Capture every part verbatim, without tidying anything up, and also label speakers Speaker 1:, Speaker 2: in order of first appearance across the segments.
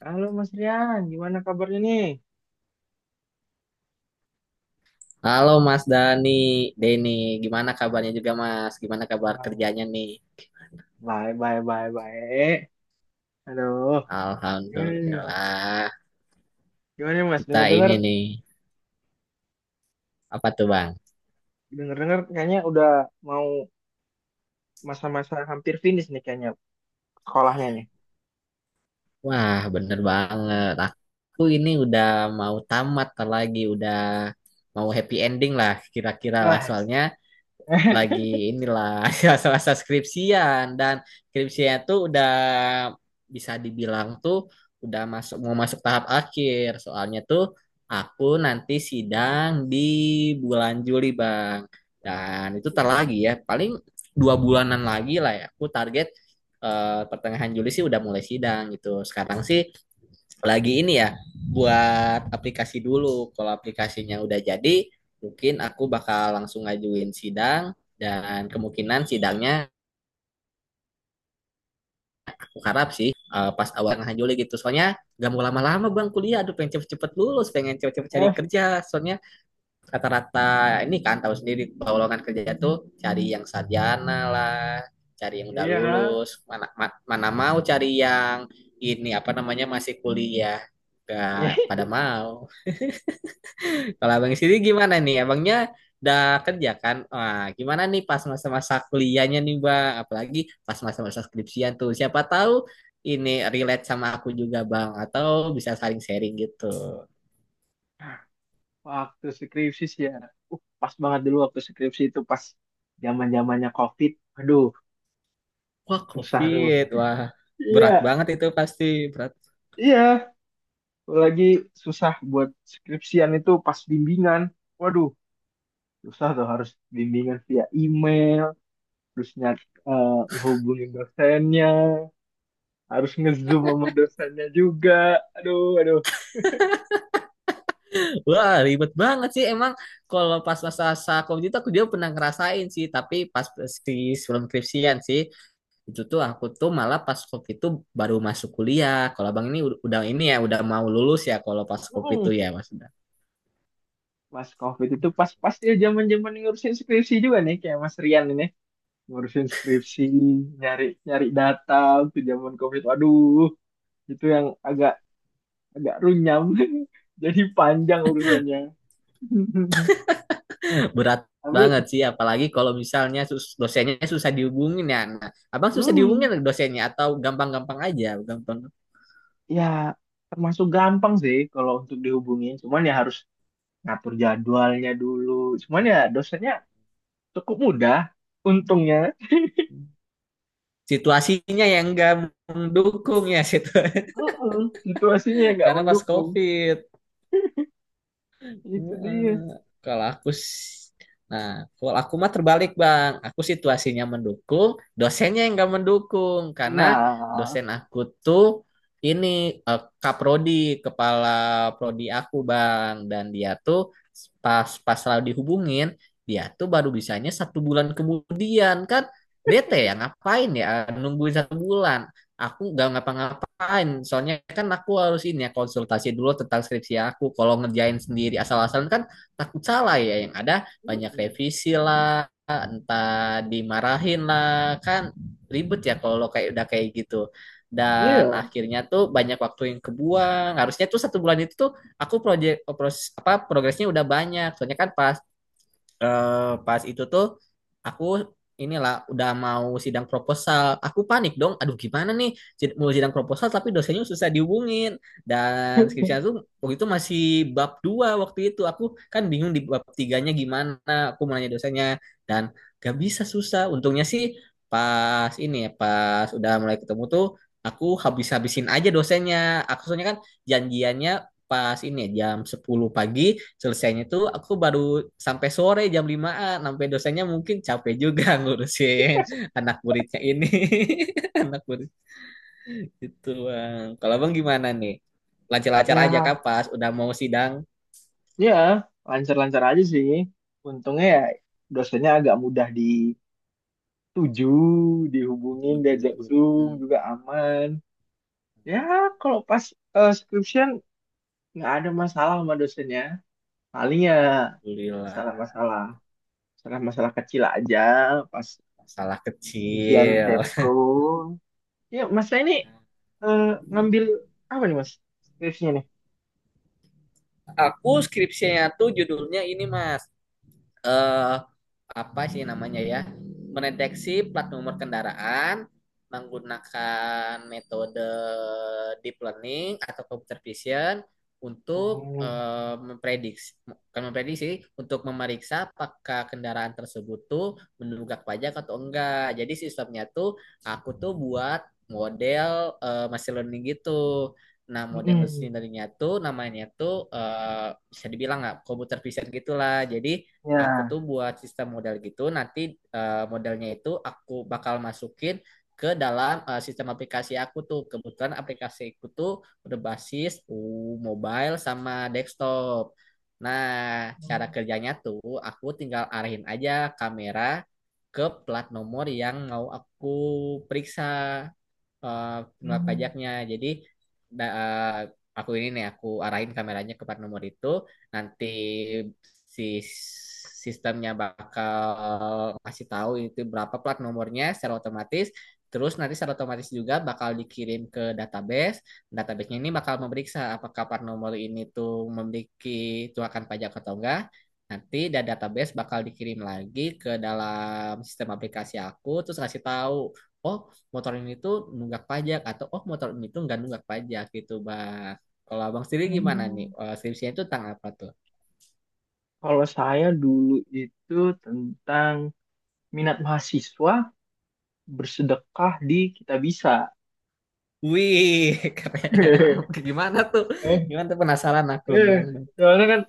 Speaker 1: Halo Mas Rian, gimana kabarnya nih?
Speaker 2: Halo Mas Dani, Deni, gimana kabarnya juga Mas? Gimana kabar
Speaker 1: Ah,
Speaker 2: kerjanya nih?
Speaker 1: Baik, baik, baik, baik. Aduh, gimana nih, Mas?
Speaker 2: Alhamdulillah,
Speaker 1: Gimana nih, Mas?
Speaker 2: kita
Speaker 1: Dengar-dengar,
Speaker 2: ini nih, apa tuh Bang?
Speaker 1: dengar-dengar kayaknya udah mau masa-masa hampir finish nih kayaknya sekolahnya nih.
Speaker 2: Wah, bener banget. Aku ini udah mau tamat ntar lagi, udah mau happy ending lah, kira-kira lah.
Speaker 1: Nah,
Speaker 2: Soalnya lagi inilah masa-masa skripsian dan skripsinya tuh udah bisa dibilang tuh udah masuk mau masuk tahap akhir. Soalnya tuh aku nanti sidang di bulan Juli, Bang. Dan itu tar lagi ya, paling dua bulanan lagi lah ya. Aku target eh, pertengahan Juli sih udah mulai sidang gitu. Sekarang sih lagi ini ya buat aplikasi dulu. Kalau aplikasinya udah jadi, mungkin aku bakal langsung ngajuin sidang dan kemungkinan sidangnya aku harap sih eh, pas awal tengah Juli gitu. Soalnya gak mau lama-lama bang kuliah, aduh pengen cepet-cepet lulus, pengen cepet-cepet cari
Speaker 1: oh
Speaker 2: kerja. Soalnya rata-rata ini kan tahu sendiri kalau lowongan kerja tuh cari yang sarjana lah, cari yang udah
Speaker 1: iya,
Speaker 2: lulus. Mana ma- mana mau cari yang ini apa namanya masih kuliah, gak pada mau. Kalau abang sendiri gimana nih? Abangnya udah kerja kan? Wah, gimana nih pas masa-masa kuliahnya nih, Bang? Apalagi pas masa-masa skripsian tuh. Siapa tahu ini relate sama aku juga, Bang. Atau bisa saling sharing gitu.
Speaker 1: waktu skripsi sih ya. Uh, Pas banget dulu waktu skripsi itu pas zaman-zamannya COVID. Aduh,
Speaker 2: Wah,
Speaker 1: susah tuh.
Speaker 2: COVID. Wah,
Speaker 1: Iya,
Speaker 2: berat banget itu pasti. Berat.
Speaker 1: iya. Lagi susah buat skripsian itu pas bimbingan. Waduh, susah tuh harus bimbingan via email terus nyat eh, hubungin dosennya, harus ngezoom sama dosennya juga, aduh aduh.
Speaker 2: Wah, ribet banget sih. Emang kalau pas masa-masa COVID itu aku juga pernah ngerasain sih. Tapi pas si sebelum skripsian sih. Itu tuh aku tuh malah pas COVID tuh baru masuk kuliah. Kalau abang ini ud- udah ini ya udah mau lulus ya kalau pas COVID tuh
Speaker 1: Mm,
Speaker 2: ya mas.
Speaker 1: pas covid itu pas pas dia zaman zaman ngurusin skripsi juga nih kayak Mas Rian ini, ngurusin skripsi, nyari nyari data waktu zaman covid, waduh, itu yang agak agak runyam jadi panjang urusannya.
Speaker 2: Berat banget
Speaker 1: Tapi
Speaker 2: sih apalagi kalau misalnya sus- dosennya susah dihubungin ya. Nah, abang susah
Speaker 1: hmm,
Speaker 2: dihubungin dosennya atau gampang-gampang aja, gampang.
Speaker 1: ya termasuk gampang sih kalau untuk dihubungin, cuman ya harus ngatur jadwalnya dulu. Cuman ya dosennya cukup mudah. Untungnya.
Speaker 2: Situasinya yang nggak mendukung ya situ
Speaker 1: Heeh, situasinya nggak
Speaker 2: karena pas
Speaker 1: mendukung.
Speaker 2: COVID.
Speaker 1: Itu dia.
Speaker 2: Eh, Kalau aku s- nah, kalau aku mah terbalik, Bang. Aku situasinya mendukung, dosennya yang nggak mendukung karena
Speaker 1: Nah,
Speaker 2: dosen aku tuh ini eh, kaprodi, kepala prodi aku, Bang. Dan dia tuh pas pas selalu dihubungin, dia tuh baru bisanya satu bulan kemudian kan bete ya ngapain ya nungguin satu bulan aku nggak ngapa-ngapain soalnya kan aku harus ini ya konsultasi dulu tentang skripsi aku kalau ngerjain sendiri asal-asalan kan takut salah ya yang ada banyak
Speaker 1: mm,
Speaker 2: revisi lah entah dimarahin lah kan ribet ya kalau kayak udah kayak gitu dan
Speaker 1: iya.
Speaker 2: akhirnya tuh banyak waktu yang kebuang harusnya tuh satu bulan itu tuh aku project pros, apa progresnya udah banyak soalnya kan pas eh, pas itu tuh aku inilah udah mau sidang proposal. Aku panik dong. Aduh gimana nih Sid- mau sidang proposal tapi dosennya susah dihubungin. Dan skripsinya tuh waktu itu masih bab dua waktu itu. Aku kan bingung di bab tiganya gimana. Aku mau nanya dosennya dan gak bisa susah. Untungnya sih pas ini ya pas udah mulai ketemu tuh aku habis-habisin aja dosennya. Aku soalnya kan janjiannya pas ini ya, jam sepuluh pagi selesainya tuh aku baru sampai sore jam limaan sampai dosennya mungkin capek juga ngurusin anak muridnya ini anak murid itu bang kalau bang gimana nih lancar-lancar aja
Speaker 1: Ya,
Speaker 2: kah pas udah mau sidang.
Speaker 1: ya lancar-lancar aja sih. Untungnya ya dosennya agak mudah dituju, dihubungin, diajak
Speaker 2: Waduh,
Speaker 1: Zoom
Speaker 2: hmm,
Speaker 1: juga aman. Ya, kalau pas eh, skripsian nggak ada masalah sama dosennya. Paling ya
Speaker 2: alhamdulillah
Speaker 1: masalah-masalah, masalah-masalah kecil aja pas
Speaker 2: masalah
Speaker 1: ujian
Speaker 2: kecil.
Speaker 1: sempro. Ya mas, saya ini eh, ngambil apa nih mas skripsinya nih.
Speaker 2: Aku skripsinya tuh judulnya ini mas eh apa sih namanya ya mendeteksi plat nomor kendaraan menggunakan metode deep learning atau computer vision untuk
Speaker 1: Hmm.
Speaker 2: eh, memprediksi bukan memprediksi untuk memeriksa apakah kendaraan tersebut tuh menunggak pajak atau enggak. Jadi sistemnya tuh aku tuh buat model eh, machine learning gitu. Nah, model machine
Speaker 1: Mm-mm.
Speaker 2: learningnya tuh namanya tuh eh, bisa dibilang nggak computer vision gitulah. Jadi aku
Speaker 1: Ya.
Speaker 2: tuh buat sistem modal gitu nanti eh, modelnya itu aku bakal masukin ke dalam eh, sistem aplikasi aku tuh kebetulan aplikasi aku tuh udah basis uh, mobile sama desktop nah
Speaker 1: Hmm.
Speaker 2: cara kerjanya tuh aku tinggal arahin aja kamera ke plat nomor yang mau aku periksa eh penolak pajaknya. Jadi da- eh, aku ini nih aku arahin kameranya ke plat nomor itu. Nanti si sistemnya bakal kasih tahu itu berapa plat nomornya secara otomatis. Terus nanti secara otomatis juga bakal dikirim ke database. Database-nya ini bakal memeriksa apakah plat nomor ini tuh memiliki tunggakan pajak atau enggak. Nanti dari database bakal dikirim lagi ke dalam sistem aplikasi aku, terus kasih tahu, oh motor ini tuh nunggak pajak atau oh motor ini tuh nggak nunggak pajak gitu bang. Kalau abang sendiri gimana nih?
Speaker 1: Mm.
Speaker 2: Eh, skripsinya itu tentang apa tuh?
Speaker 1: Kalau saya dulu itu tentang minat mahasiswa bersedekah di kita bisa.
Speaker 2: Wih, keren. Gimana tuh?
Speaker 1: Eh,
Speaker 2: Gimana tuh penasaran aku
Speaker 1: eh.
Speaker 2: gimana?
Speaker 1: Soalnya kan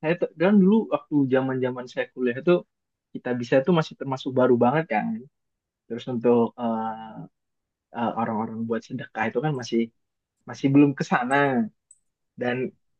Speaker 1: saya tuh- kan dulu waktu zaman-zaman saya kuliah itu, kita bisa tuh masih termasuk baru banget kan. Terus untuk eh, eh, orang-orang buat sedekah itu kan masih masih belum ke sana, dan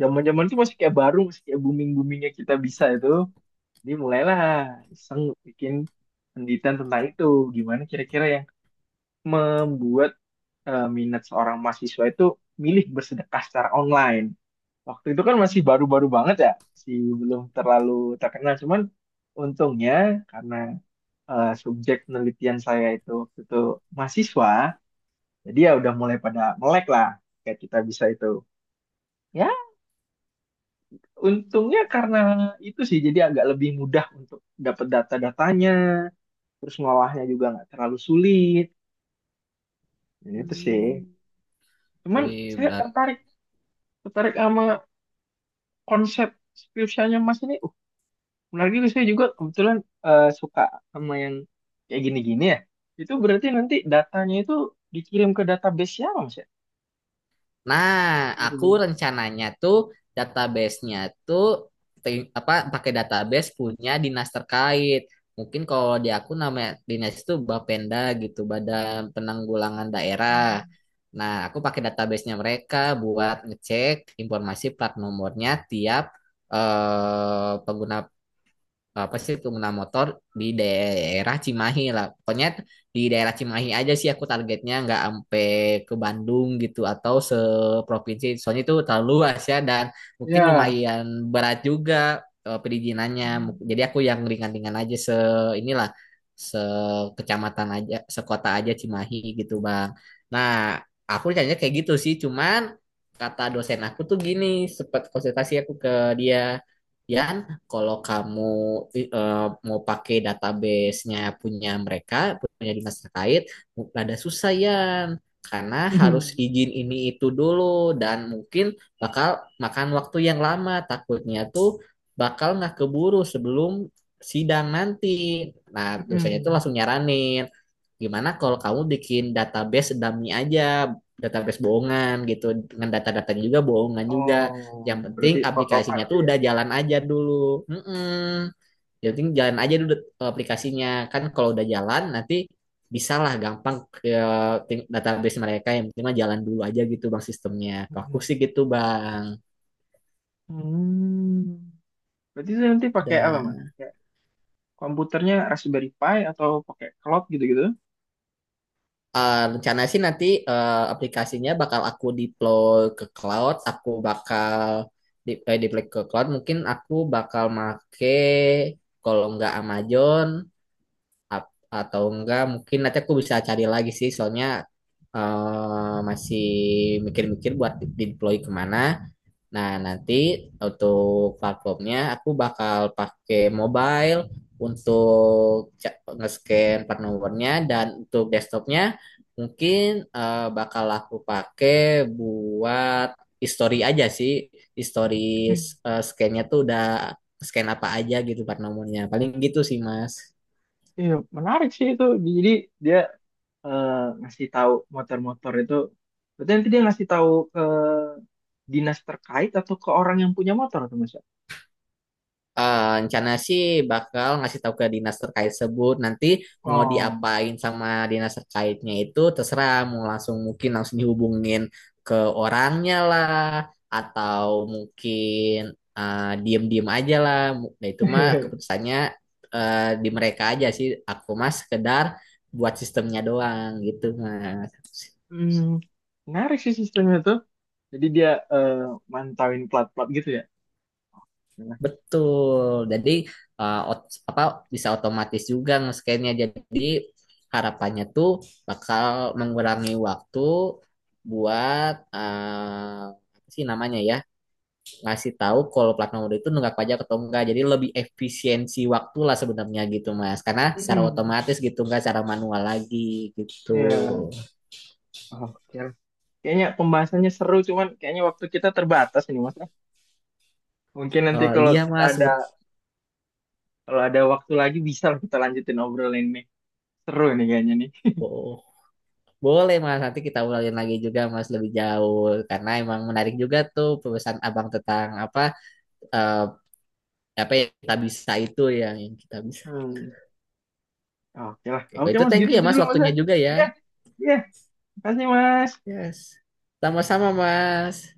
Speaker 1: zaman-zaman itu masih kayak baru, masih kayak booming-boomingnya kita bisa itu, jadi mulailah iseng bikin penelitian tentang itu, gimana kira-kira yang membuat eh, minat seorang mahasiswa itu milih bersedekah secara online. Waktu itu kan masih baru-baru banget ya, masih belum terlalu terkenal, cuman untungnya karena eh, subjek penelitian saya itu waktu itu mahasiswa, jadi ya udah mulai pada melek lah kayak kita bisa itu. Ya, untungnya karena itu sih jadi agak lebih mudah untuk dapat data-datanya, terus ngolahnya juga nggak terlalu sulit. Ya, itu sih.
Speaker 2: Hmm.
Speaker 1: Cuman
Speaker 2: Wih,
Speaker 1: saya
Speaker 2: berat.
Speaker 1: tertarik, tertarik sama konsep skripsianya Mas ini. Uh, menarik juga, saya juga kebetulan eh, suka sama yang kayak gini-gini ya. Itu berarti nanti datanya itu dikirim ke database siapa Mas ya?
Speaker 2: Nah, aku
Speaker 1: Gitu.
Speaker 2: rencananya tuh database-nya tuh te- apa pakai database punya dinas terkait. Mungkin kalau di aku namanya dinas itu Bapenda gitu, Badan Penanggulangan Daerah. Nah, aku pakai database-nya mereka buat ngecek informasi plat nomornya tiap eh, pengguna apa sih pengguna motor di daerah Cimahi lah. Pokoknya di daerah Cimahi aja sih aku targetnya nggak sampai ke Bandung gitu atau seprovinsi. Soalnya itu terlalu luas ya dan mungkin
Speaker 1: Ya,
Speaker 2: lumayan berat juga eh, perizinannya. Mu- Jadi aku yang ringan-ringan aja se inilah sekecamatan aja, sekota aja Cimahi gitu Bang. Nah, aku rencananya kayak gitu sih. Cuman kata dosen aku tuh gini, sempat konsultasi aku ke dia. Yan, kalau kamu eh, mau pakai database-nya punya mereka, punya dinas terkait, rada susah ya. Karena harus izin ini itu dulu dan mungkin bakal makan waktu yang lama. Takutnya tuh bakal nggak keburu sebelum sidang nanti. Nah, dosennya itu
Speaker 1: Hmm.
Speaker 2: langsung nyaranin, gimana kalau kamu bikin database dummy aja, database bohongan gitu, dengan data-data juga bohongan juga.
Speaker 1: Oh,
Speaker 2: Yang penting
Speaker 1: berarti foto
Speaker 2: aplikasinya
Speaker 1: file
Speaker 2: tuh
Speaker 1: ya.
Speaker 2: udah jalan aja dulu. Mm-mm. Yang penting jalan aja dulu aplikasinya. Kan kalau udah jalan nanti bisalah gampang ke ting- database mereka yang penting mah jalan dulu aja gitu bang sistemnya. Kalau aku
Speaker 1: Mm.
Speaker 2: sih gitu bang.
Speaker 1: Hmm. Berarti itu nanti pakai apa, Mas?
Speaker 2: Dah.
Speaker 1: Kayak komputernya Raspberry Pi atau pakai cloud gitu-gitu?
Speaker 2: Eh, rencana sih nanti eh, aplikasinya bakal aku deploy ke cloud, aku bakal di, eh, deploy ke cloud. Mungkin aku bakal make kalau nggak Amazon ap- atau enggak mungkin nanti aku bisa cari lagi sih, soalnya eh, masih mikir-mikir buat di deploy kemana. Nah, nanti untuk platformnya aku bakal pakai mobile untuk ca- nge-scan part numbernya dan untuk desktopnya mungkin eh, bakal aku pakai buat history aja sih. History
Speaker 1: Mm.
Speaker 2: eh, scan-nya tuh udah scan apa aja gitu part nomornya. Paling gitu sih, Mas.
Speaker 1: Iya, menarik sih itu. Jadi dia eh, ngasih tahu motor-motor itu. Berarti nanti dia ngasih tahu ke dinas terkait atau ke orang yang punya motor atau Mas ya?
Speaker 2: Eh, rencana sih bakal ngasih tahu ke dinas terkait sebut nanti mau
Speaker 1: Oh.
Speaker 2: diapain sama dinas terkaitnya itu terserah mau langsung mungkin langsung dihubungin ke orangnya lah atau mungkin eh, diem-diem aja lah nah itu mah keputusannya eh, di mereka aja sih aku mah sekedar buat sistemnya doang gitu mas.
Speaker 1: Hmm, menarik sih sistemnya tuh. Jadi dia eh, mantauin plat-plat gitu ya. Nah.
Speaker 2: Betul. Jadi uh, ot- apa bisa otomatis juga nge-scan-nya. Jadi harapannya tuh bakal mengurangi waktu buat uh, apa sih namanya ya ngasih tahu kalau plat nomor itu nunggak pajak atau enggak. Jadi lebih efisiensi waktu lah sebenarnya gitu Mas. Karena secara
Speaker 1: Mm-mm.
Speaker 2: otomatis gitu enggak secara manual lagi gitu.
Speaker 1: Iya. Oke, kayaknya pembahasannya seru, cuman kayaknya waktu kita terbatas ini, Mas. Mungkin nanti
Speaker 2: Oh
Speaker 1: kalau
Speaker 2: iya
Speaker 1: kita
Speaker 2: Mas.
Speaker 1: ada, kalau ada waktu lagi bisa lah kita lanjutin obrolan ini. Seru nih kayaknya nih.
Speaker 2: Betul. Boleh Mas, nanti kita ulangin lagi juga Mas lebih jauh karena emang menarik juga tuh pesan Abang tentang apa eh, apa yang kita bisa itu yang, yang kita bisa.
Speaker 1: Hmm. Oke lah.
Speaker 2: Oke, kalau
Speaker 1: Oke,
Speaker 2: itu
Speaker 1: Mas,
Speaker 2: thank
Speaker 1: gitu
Speaker 2: you ya
Speaker 1: aja
Speaker 2: Mas
Speaker 1: dulu, Mas.
Speaker 2: waktunya juga ya.
Speaker 1: Ya. Ya, makasih, Mas.
Speaker 2: Yes. Sama-sama Mas.